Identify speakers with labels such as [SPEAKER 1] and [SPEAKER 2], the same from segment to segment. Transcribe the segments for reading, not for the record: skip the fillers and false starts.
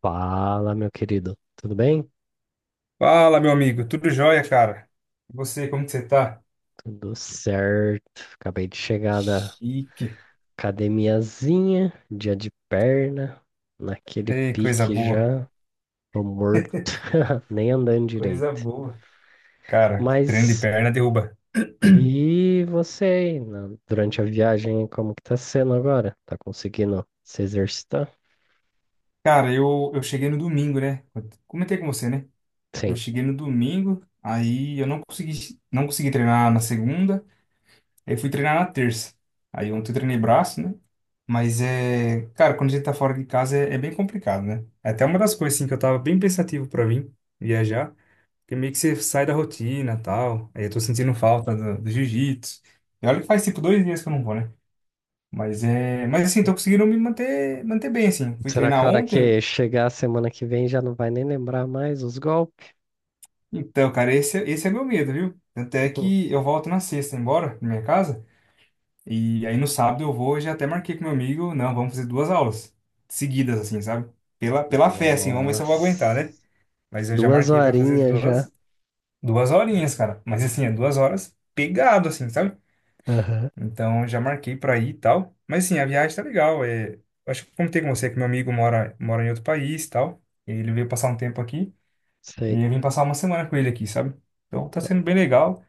[SPEAKER 1] Fala, meu querido. Tudo bem?
[SPEAKER 2] Fala, meu amigo. Tudo jóia, cara? E você, como que você tá?
[SPEAKER 1] Tudo certo. Acabei de chegar da
[SPEAKER 2] Chique.
[SPEAKER 1] academiazinha, dia de perna, naquele
[SPEAKER 2] Ei, coisa
[SPEAKER 1] pique
[SPEAKER 2] boa.
[SPEAKER 1] já. Tô morto, nem andando
[SPEAKER 2] Coisa
[SPEAKER 1] direito.
[SPEAKER 2] boa. Cara, treino de
[SPEAKER 1] Mas
[SPEAKER 2] perna derruba.
[SPEAKER 1] e você aí, durante a viagem, como que tá sendo agora? Tá conseguindo se exercitar?
[SPEAKER 2] Cara, eu cheguei no domingo, né? Eu comentei com você, né? Eu
[SPEAKER 1] Sim.
[SPEAKER 2] cheguei no domingo, aí eu não consegui treinar na segunda, aí fui treinar na terça. Aí ontem eu treinei braço, né? Mas é, cara, quando a gente tá fora de casa é bem complicado, né? É até uma das coisas, assim, que eu tava bem pensativo pra vir viajar. Porque meio que você sai da rotina e tal. Aí eu tô sentindo falta do jiu-jitsu. E olha que faz tipo 2 dias que eu não vou, né? Mas é. Mas assim, tô conseguindo me manter bem, assim. Fui
[SPEAKER 1] Será,
[SPEAKER 2] treinar
[SPEAKER 1] cara,
[SPEAKER 2] ontem.
[SPEAKER 1] que chegar semana que vem já não vai nem lembrar mais os golpes?
[SPEAKER 2] Então, cara, esse é meu medo, viu? Tanto é que eu volto na sexta embora, na minha casa. E aí no sábado eu já até marquei com meu amigo. Não, vamos fazer duas aulas seguidas, assim, sabe? Pela fé, assim, vamos ver se eu vou aguentar, né?
[SPEAKER 1] Nossa,
[SPEAKER 2] Mas eu já
[SPEAKER 1] duas
[SPEAKER 2] marquei pra fazer
[SPEAKER 1] horinhas já.
[SPEAKER 2] duas horinhas, cara. Mas assim, é 2 horas pegado, assim, sabe?
[SPEAKER 1] Aham,
[SPEAKER 2] Então já marquei pra ir e tal. Mas sim, a viagem tá legal. É, acho que eu comentei com você que meu amigo mora em outro país e tal. Ele veio passar um tempo aqui
[SPEAKER 1] sei.
[SPEAKER 2] e eu vim passar uma semana com ele aqui, sabe? Então tá sendo bem legal.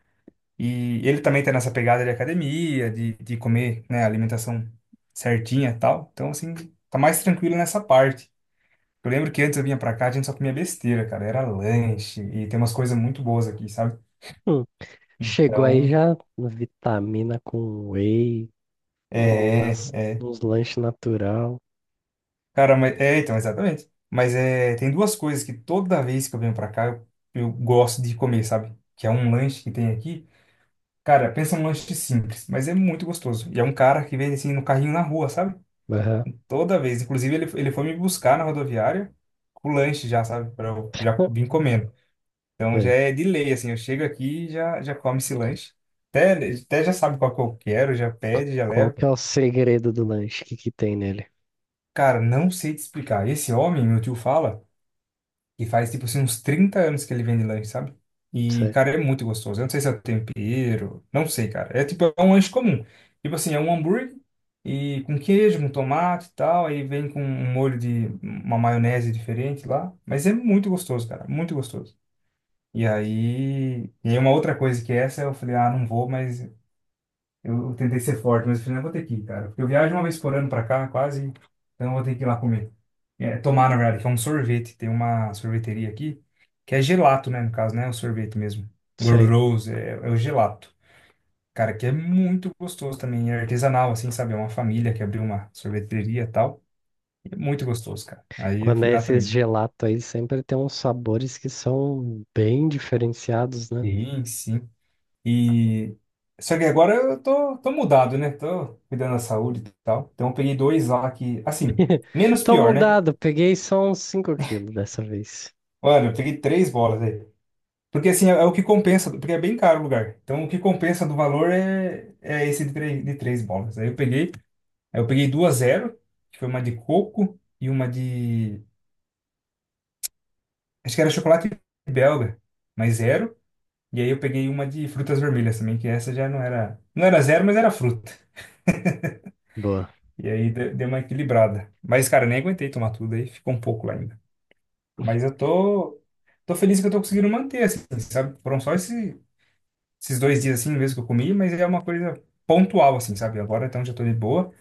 [SPEAKER 2] E ele também tá nessa pegada de academia, de comer, né, alimentação certinha e tal. Então, assim, tá mais tranquilo nessa parte. Eu lembro que antes eu vinha pra cá, a gente só comia besteira, cara. Era lanche e tem umas coisas muito boas aqui, sabe?
[SPEAKER 1] Hum, chegou aí
[SPEAKER 2] Então,
[SPEAKER 1] já vitamina com whey,
[SPEAKER 2] é,
[SPEAKER 1] umas,
[SPEAKER 2] é. é.
[SPEAKER 1] uns lanches natural.
[SPEAKER 2] Cara, mas, então, exatamente. Mas é, tem duas coisas que toda vez que eu venho pra cá, eu gosto de comer, sabe? Que é um lanche que tem aqui. Cara, pensa num lanche simples, mas é muito gostoso. E é um cara que vem assim no carrinho na rua, sabe?
[SPEAKER 1] Aham,
[SPEAKER 2] Toda vez. Inclusive, ele foi me buscar na rodoviária com o lanche já, sabe? Pra eu já
[SPEAKER 1] hum,
[SPEAKER 2] vim comendo. Então já
[SPEAKER 1] sei.
[SPEAKER 2] é de lei, assim. Eu chego aqui e já come esse lanche. Até, até já sabe qual que eu quero, já pede, já
[SPEAKER 1] Qual
[SPEAKER 2] leva.
[SPEAKER 1] que é o segredo do lanche? O que que tem nele?
[SPEAKER 2] Cara, não sei te explicar. Esse homem, meu tio fala, que faz tipo assim uns 30 anos que ele vende lanche, sabe? E,
[SPEAKER 1] Sei,
[SPEAKER 2] cara, é muito gostoso. Eu não sei se é tempero, não sei, cara. É tipo, é um lanche comum. Tipo assim, é um hambúrguer e com queijo, com tomate e tal, aí vem com um molho de uma maionese diferente lá, mas é muito gostoso, cara, muito gostoso. E aí uma outra coisa que essa eu falei, ah, não vou, mas eu tentei ser forte, mas eu falei, não, vou ter que ir, cara. Porque eu viajo uma vez por ano pra cá, quase, então eu vou ter que ir lá comer. É, tomar, na verdade, que é um sorvete. Tem uma sorveteria aqui, que é gelato, né, no caso, né? O sorvete mesmo.
[SPEAKER 1] sei.
[SPEAKER 2] Gorduroso, é o gelato. Cara, que é muito gostoso também. É artesanal, assim, sabe? É uma família que abriu uma sorveteria e tal. E é muito gostoso, cara. Aí eu
[SPEAKER 1] Quando
[SPEAKER 2] fui
[SPEAKER 1] é
[SPEAKER 2] lá
[SPEAKER 1] esses
[SPEAKER 2] também.
[SPEAKER 1] gelato aí, sempre tem uns sabores que são bem diferenciados, né?
[SPEAKER 2] Sim, sim. E... Só que agora eu tô mudado, né? Tô cuidando da saúde e tal. Então eu peguei dois lá que, assim. Menos
[SPEAKER 1] Tô
[SPEAKER 2] pior, né?
[SPEAKER 1] mudado, peguei só uns 5 quilos dessa vez.
[SPEAKER 2] Mano, eu peguei três bolas aí. Porque assim, é o que compensa, porque é bem caro o lugar. Então o que compensa do valor é esse de três bolas. Aí eu peguei duas zero, que foi uma de coco e uma de. Acho que era chocolate belga, mas zero. E aí eu peguei uma de frutas vermelhas também, que essa já não era. Não era zero, mas era fruta.
[SPEAKER 1] Boa.
[SPEAKER 2] E aí deu uma equilibrada. Mas, cara, eu nem aguentei tomar tudo aí, ficou um pouco lá ainda. Mas eu tô. Tô feliz que eu tô conseguindo manter, assim, sabe? Foram só esses 2 dias assim mesmo que eu comi, mas é uma coisa pontual, assim, sabe? Agora então já tô de boa,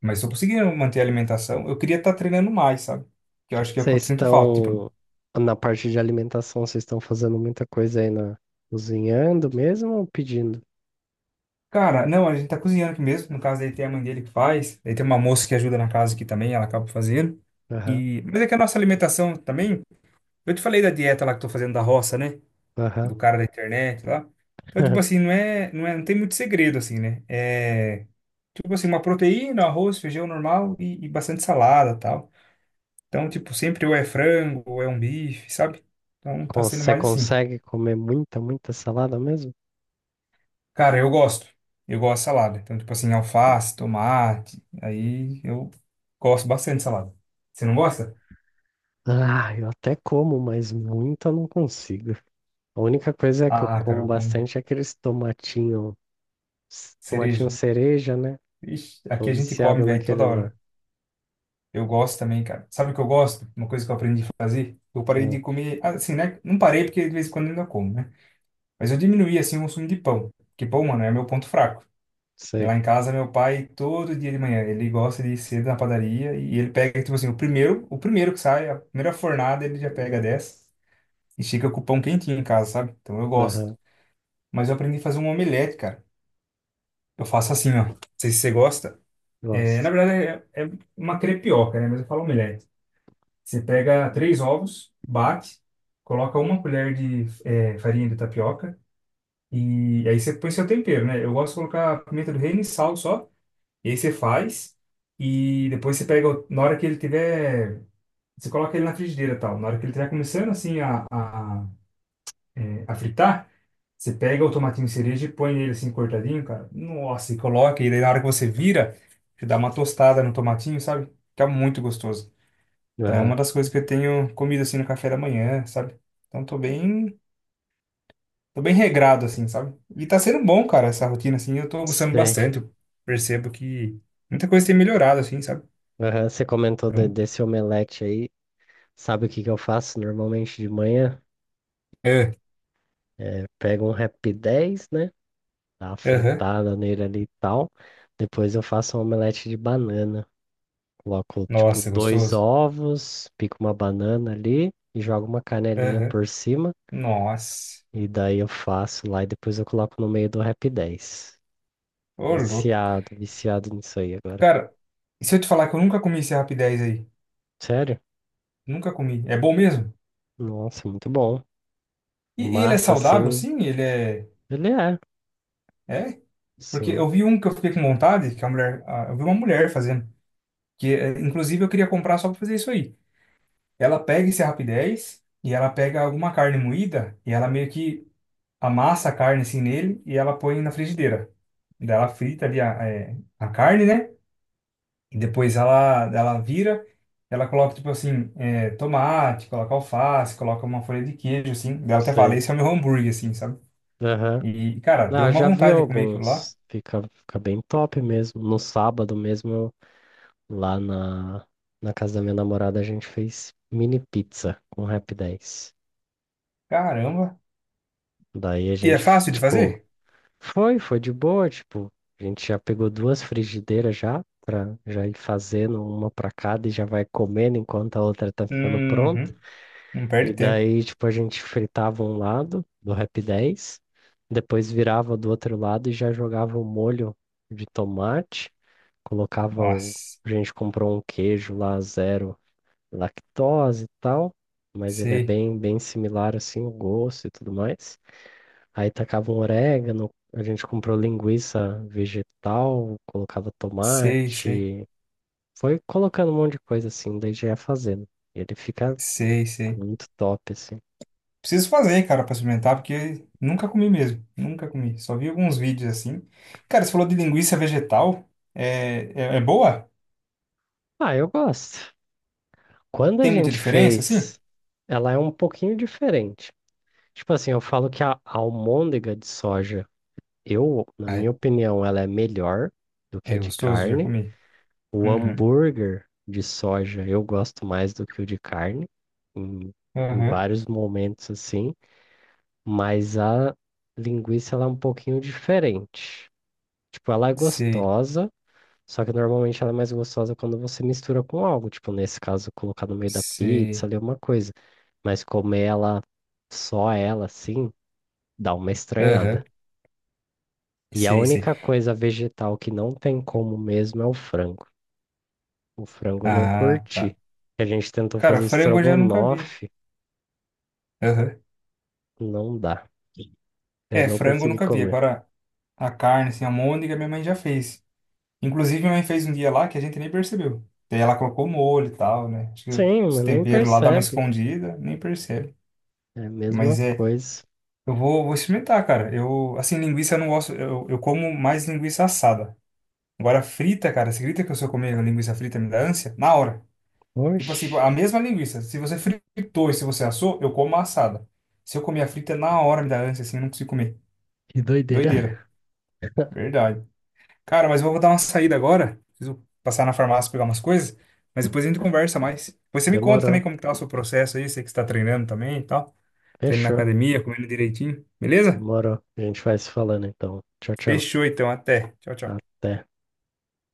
[SPEAKER 2] mas tô conseguindo manter a alimentação. Eu queria estar treinando mais, sabe? Que eu acho que é o que eu
[SPEAKER 1] Vocês
[SPEAKER 2] sinto falta. Tipo,
[SPEAKER 1] estão na parte de alimentação, vocês estão fazendo muita coisa aí na cozinhando mesmo ou pedindo?
[SPEAKER 2] cara, não, a gente tá cozinhando aqui mesmo. No caso, aí tem a mãe dele que faz, aí tem uma moça que ajuda na casa aqui também, ela acaba fazendo.
[SPEAKER 1] Aham,
[SPEAKER 2] Mas é que a nossa alimentação também. Eu te falei da dieta lá que eu tô fazendo da roça, né?
[SPEAKER 1] aham.
[SPEAKER 2] Do cara da internet lá. Então, tipo assim, não tem muito segredo, assim, né? É, tipo assim, uma proteína, arroz, feijão normal e bastante salada, tal. Então, tipo, sempre ou é frango, ou é um bife, sabe? Então, tá sendo
[SPEAKER 1] Você
[SPEAKER 2] mais assim.
[SPEAKER 1] consegue comer muita, muita salada mesmo?
[SPEAKER 2] Cara, eu gosto. Eu gosto de salada. Então, tipo assim, alface, tomate. Aí eu gosto bastante de salada. Você não gosta?
[SPEAKER 1] Ah, eu até como, mas muita eu não consigo. A única coisa que eu
[SPEAKER 2] Ah, cara,
[SPEAKER 1] como
[SPEAKER 2] eu como
[SPEAKER 1] bastante é aqueles tomatinho, tomatinho
[SPEAKER 2] cereja.
[SPEAKER 1] cereja, né?
[SPEAKER 2] Ixi, aqui
[SPEAKER 1] Tô
[SPEAKER 2] a gente come,
[SPEAKER 1] viciado
[SPEAKER 2] velho, toda
[SPEAKER 1] naquele lá.
[SPEAKER 2] hora. Eu gosto também, cara. Sabe o que eu gosto? Uma coisa que eu aprendi a fazer? Eu parei
[SPEAKER 1] Ah,
[SPEAKER 2] de comer, assim, né? Não parei porque de vez em quando ainda como, né? Mas eu diminuí, assim, o consumo de pão. Porque pão, mano, é meu ponto fraco. E lá
[SPEAKER 1] sei.
[SPEAKER 2] em casa, meu pai, todo dia de manhã, ele gosta de ir cedo na padaria e ele pega, tipo assim, o primeiro que sai, a primeira fornada, ele já pega dessa e fica com o pão quentinho em casa, sabe? Então eu gosto.
[SPEAKER 1] Aham,
[SPEAKER 2] Mas eu aprendi a fazer um omelete, cara. Eu faço assim, ó. Não sei se você gosta. É,
[SPEAKER 1] gosto.
[SPEAKER 2] na verdade, é uma crepioca, né? Mas eu falo omelete. Você pega três ovos, bate, coloca uma colher de farinha de tapioca e aí você põe seu tempero, né? Eu gosto de colocar pimenta do reino e sal só. E aí você faz e depois você pega, na hora que ele tiver, você coloca ele na frigideira e tal. Na hora que ele estiver começando assim a fritar, você pega o tomatinho cereja e põe ele assim cortadinho, cara. Nossa, e coloca. E daí na hora que você vira, você dá uma tostada no tomatinho, sabe? Fica muito gostoso. Tá, é
[SPEAKER 1] Aham,
[SPEAKER 2] uma das coisas que eu tenho comido assim no café da manhã, sabe? Então tô bem regrado assim, sabe? E tá sendo bom, cara, essa rotina assim. Eu tô gostando
[SPEAKER 1] sei.
[SPEAKER 2] bastante. Eu percebo que muita coisa tem melhorado assim, sabe?
[SPEAKER 1] Aham, você comentou
[SPEAKER 2] Então.
[SPEAKER 1] desse omelete aí. Sabe o que que eu faço normalmente de manhã?
[SPEAKER 2] É.
[SPEAKER 1] Pego um Rapidez, né? Dá uma
[SPEAKER 2] Aham.
[SPEAKER 1] fritada nele ali e tal. Depois eu faço um omelete de banana. Coloco, tipo,
[SPEAKER 2] Nossa, é
[SPEAKER 1] dois
[SPEAKER 2] gostoso.
[SPEAKER 1] ovos, pico uma banana ali e jogo uma canelinha
[SPEAKER 2] Aham.
[SPEAKER 1] por cima.
[SPEAKER 2] Nossa.
[SPEAKER 1] E daí eu faço lá e depois eu coloco no meio do Rapidez.
[SPEAKER 2] Ô, louco.
[SPEAKER 1] Viciado, viciado nisso aí agora.
[SPEAKER 2] Cara, e se eu te falar que eu nunca comi esse Rap 10 aí?
[SPEAKER 1] Sério?
[SPEAKER 2] Nunca comi. É bom mesmo?
[SPEAKER 1] Nossa, muito bom.
[SPEAKER 2] E ele é
[SPEAKER 1] Massa,
[SPEAKER 2] saudável,
[SPEAKER 1] assim,
[SPEAKER 2] sim?
[SPEAKER 1] ele é.
[SPEAKER 2] É? Porque
[SPEAKER 1] Sim,
[SPEAKER 2] eu vi um que eu fiquei com vontade, que Eu vi uma mulher fazendo. Que, inclusive, eu queria comprar só pra fazer isso aí. Ela pega esse Rap 10 e ela pega alguma carne moída e ela meio que amassa a carne assim nele e ela põe na frigideira. Daí ela frita ali a carne, né? E depois ela vira, ela coloca, tipo assim, tomate, coloca alface, coloca uma folha de queijo, assim. Daí eu até fala
[SPEAKER 1] sei.
[SPEAKER 2] esse é o meu hambúrguer, assim, sabe?
[SPEAKER 1] Aham.
[SPEAKER 2] E, cara, deu
[SPEAKER 1] Ah, eu
[SPEAKER 2] uma
[SPEAKER 1] já vi
[SPEAKER 2] vontade de comer aquilo lá.
[SPEAKER 1] alguns. Fica, fica bem top mesmo. No sábado mesmo, lá na casa da minha namorada, a gente fez mini pizza com Rap 10.
[SPEAKER 2] Caramba.
[SPEAKER 1] Daí a
[SPEAKER 2] E é
[SPEAKER 1] gente,
[SPEAKER 2] fácil de
[SPEAKER 1] tipo,
[SPEAKER 2] fazer?
[SPEAKER 1] foi de boa, tipo, a gente já pegou 2 frigideiras já, pra já ir fazendo uma pra cada e já vai comendo enquanto a outra tá ficando pronta.
[SPEAKER 2] Uhum. Não perde
[SPEAKER 1] E
[SPEAKER 2] tempo.
[SPEAKER 1] daí, tipo, a gente fritava um lado do Rap 10, depois virava do outro lado e já jogava o molho de tomate. Colocava o.
[SPEAKER 2] Nossa.
[SPEAKER 1] A gente comprou um queijo lá, zero lactose e tal, mas ele é
[SPEAKER 2] Sei,
[SPEAKER 1] bem, bem similar assim, o gosto e tudo mais. Aí tacava um orégano, a gente comprou linguiça vegetal, colocava
[SPEAKER 2] sei, sei,
[SPEAKER 1] tomate, foi colocando um monte de coisa assim, daí já ia fazendo. Ele fica
[SPEAKER 2] sei, sei.
[SPEAKER 1] muito top assim.
[SPEAKER 2] Preciso fazer, cara, pra experimentar, porque nunca comi mesmo. Nunca comi. Só vi alguns vídeos assim. Cara, você falou de linguiça vegetal. É boa?
[SPEAKER 1] Ah, eu gosto. Quando a
[SPEAKER 2] Tem muita
[SPEAKER 1] gente
[SPEAKER 2] diferença, assim?
[SPEAKER 1] fez, ela é um pouquinho diferente. Tipo assim, eu falo que a almôndega de soja. Eu, na minha opinião, ela é melhor do que
[SPEAKER 2] É
[SPEAKER 1] a de
[SPEAKER 2] gostoso? Já
[SPEAKER 1] carne.
[SPEAKER 2] comi.
[SPEAKER 1] O
[SPEAKER 2] Uhum.
[SPEAKER 1] hambúrguer de soja eu gosto mais do que o de carne, em, em
[SPEAKER 2] Aham.
[SPEAKER 1] vários momentos assim, mas a linguiça ela é um pouquinho diferente. Tipo, ela é
[SPEAKER 2] Sei,
[SPEAKER 1] gostosa, só que normalmente ela é mais gostosa quando você mistura com algo, tipo, nesse caso, colocar no meio da
[SPEAKER 2] sei.
[SPEAKER 1] pizza ali uma coisa, mas comer ela, só ela assim, dá uma estranhada.
[SPEAKER 2] Aham.
[SPEAKER 1] E a
[SPEAKER 2] Sei, sei.
[SPEAKER 1] única coisa vegetal que não tem como mesmo é o frango. O frango eu não
[SPEAKER 2] Ah, tá.
[SPEAKER 1] curti. A gente tentou
[SPEAKER 2] Cara,
[SPEAKER 1] fazer
[SPEAKER 2] frango eu já nunca vi.
[SPEAKER 1] estrogonofe,
[SPEAKER 2] Aham.
[SPEAKER 1] não dá. Eu
[SPEAKER 2] É,
[SPEAKER 1] não
[SPEAKER 2] frango eu
[SPEAKER 1] consegui
[SPEAKER 2] nunca vi.
[SPEAKER 1] comer.
[SPEAKER 2] Agora, a carne, assim, a môndega, minha mãe já fez. Inclusive, minha mãe fez um dia lá que a gente nem percebeu. Daí ela colocou molho e tal, né? Acho que
[SPEAKER 1] Sim,
[SPEAKER 2] os
[SPEAKER 1] mas nem
[SPEAKER 2] temperos lá dá uma
[SPEAKER 1] percebe.
[SPEAKER 2] escondida, nem percebe.
[SPEAKER 1] É a mesma
[SPEAKER 2] Mas é,
[SPEAKER 1] coisa.
[SPEAKER 2] eu vou experimentar, cara. Eu, assim, linguiça eu não gosto, eu como mais linguiça assada. Agora, frita, cara, você acredita que eu se eu comer linguiça frita me dá ânsia? Na hora. Tipo assim,
[SPEAKER 1] Oxe,
[SPEAKER 2] a mesma linguiça. Se você fritou e se você assou, eu como a assada. Se eu comer a frita, na hora me dá ânsia, assim, eu não consigo comer.
[SPEAKER 1] que doideira.
[SPEAKER 2] Doideira. Verdade. Cara, mas eu vou dar uma saída agora. Preciso passar na farmácia pegar umas coisas. Mas depois a gente conversa mais. Você me conta também
[SPEAKER 1] Demorou.
[SPEAKER 2] como que tá o seu processo aí. Você que está treinando também e tal. Tá indo na
[SPEAKER 1] Fechou.
[SPEAKER 2] academia, comendo direitinho. Beleza?
[SPEAKER 1] Demorou. A gente vai se falando então. Tchau, tchau.
[SPEAKER 2] Fechou então. Até. Tchau, tchau.
[SPEAKER 1] Até.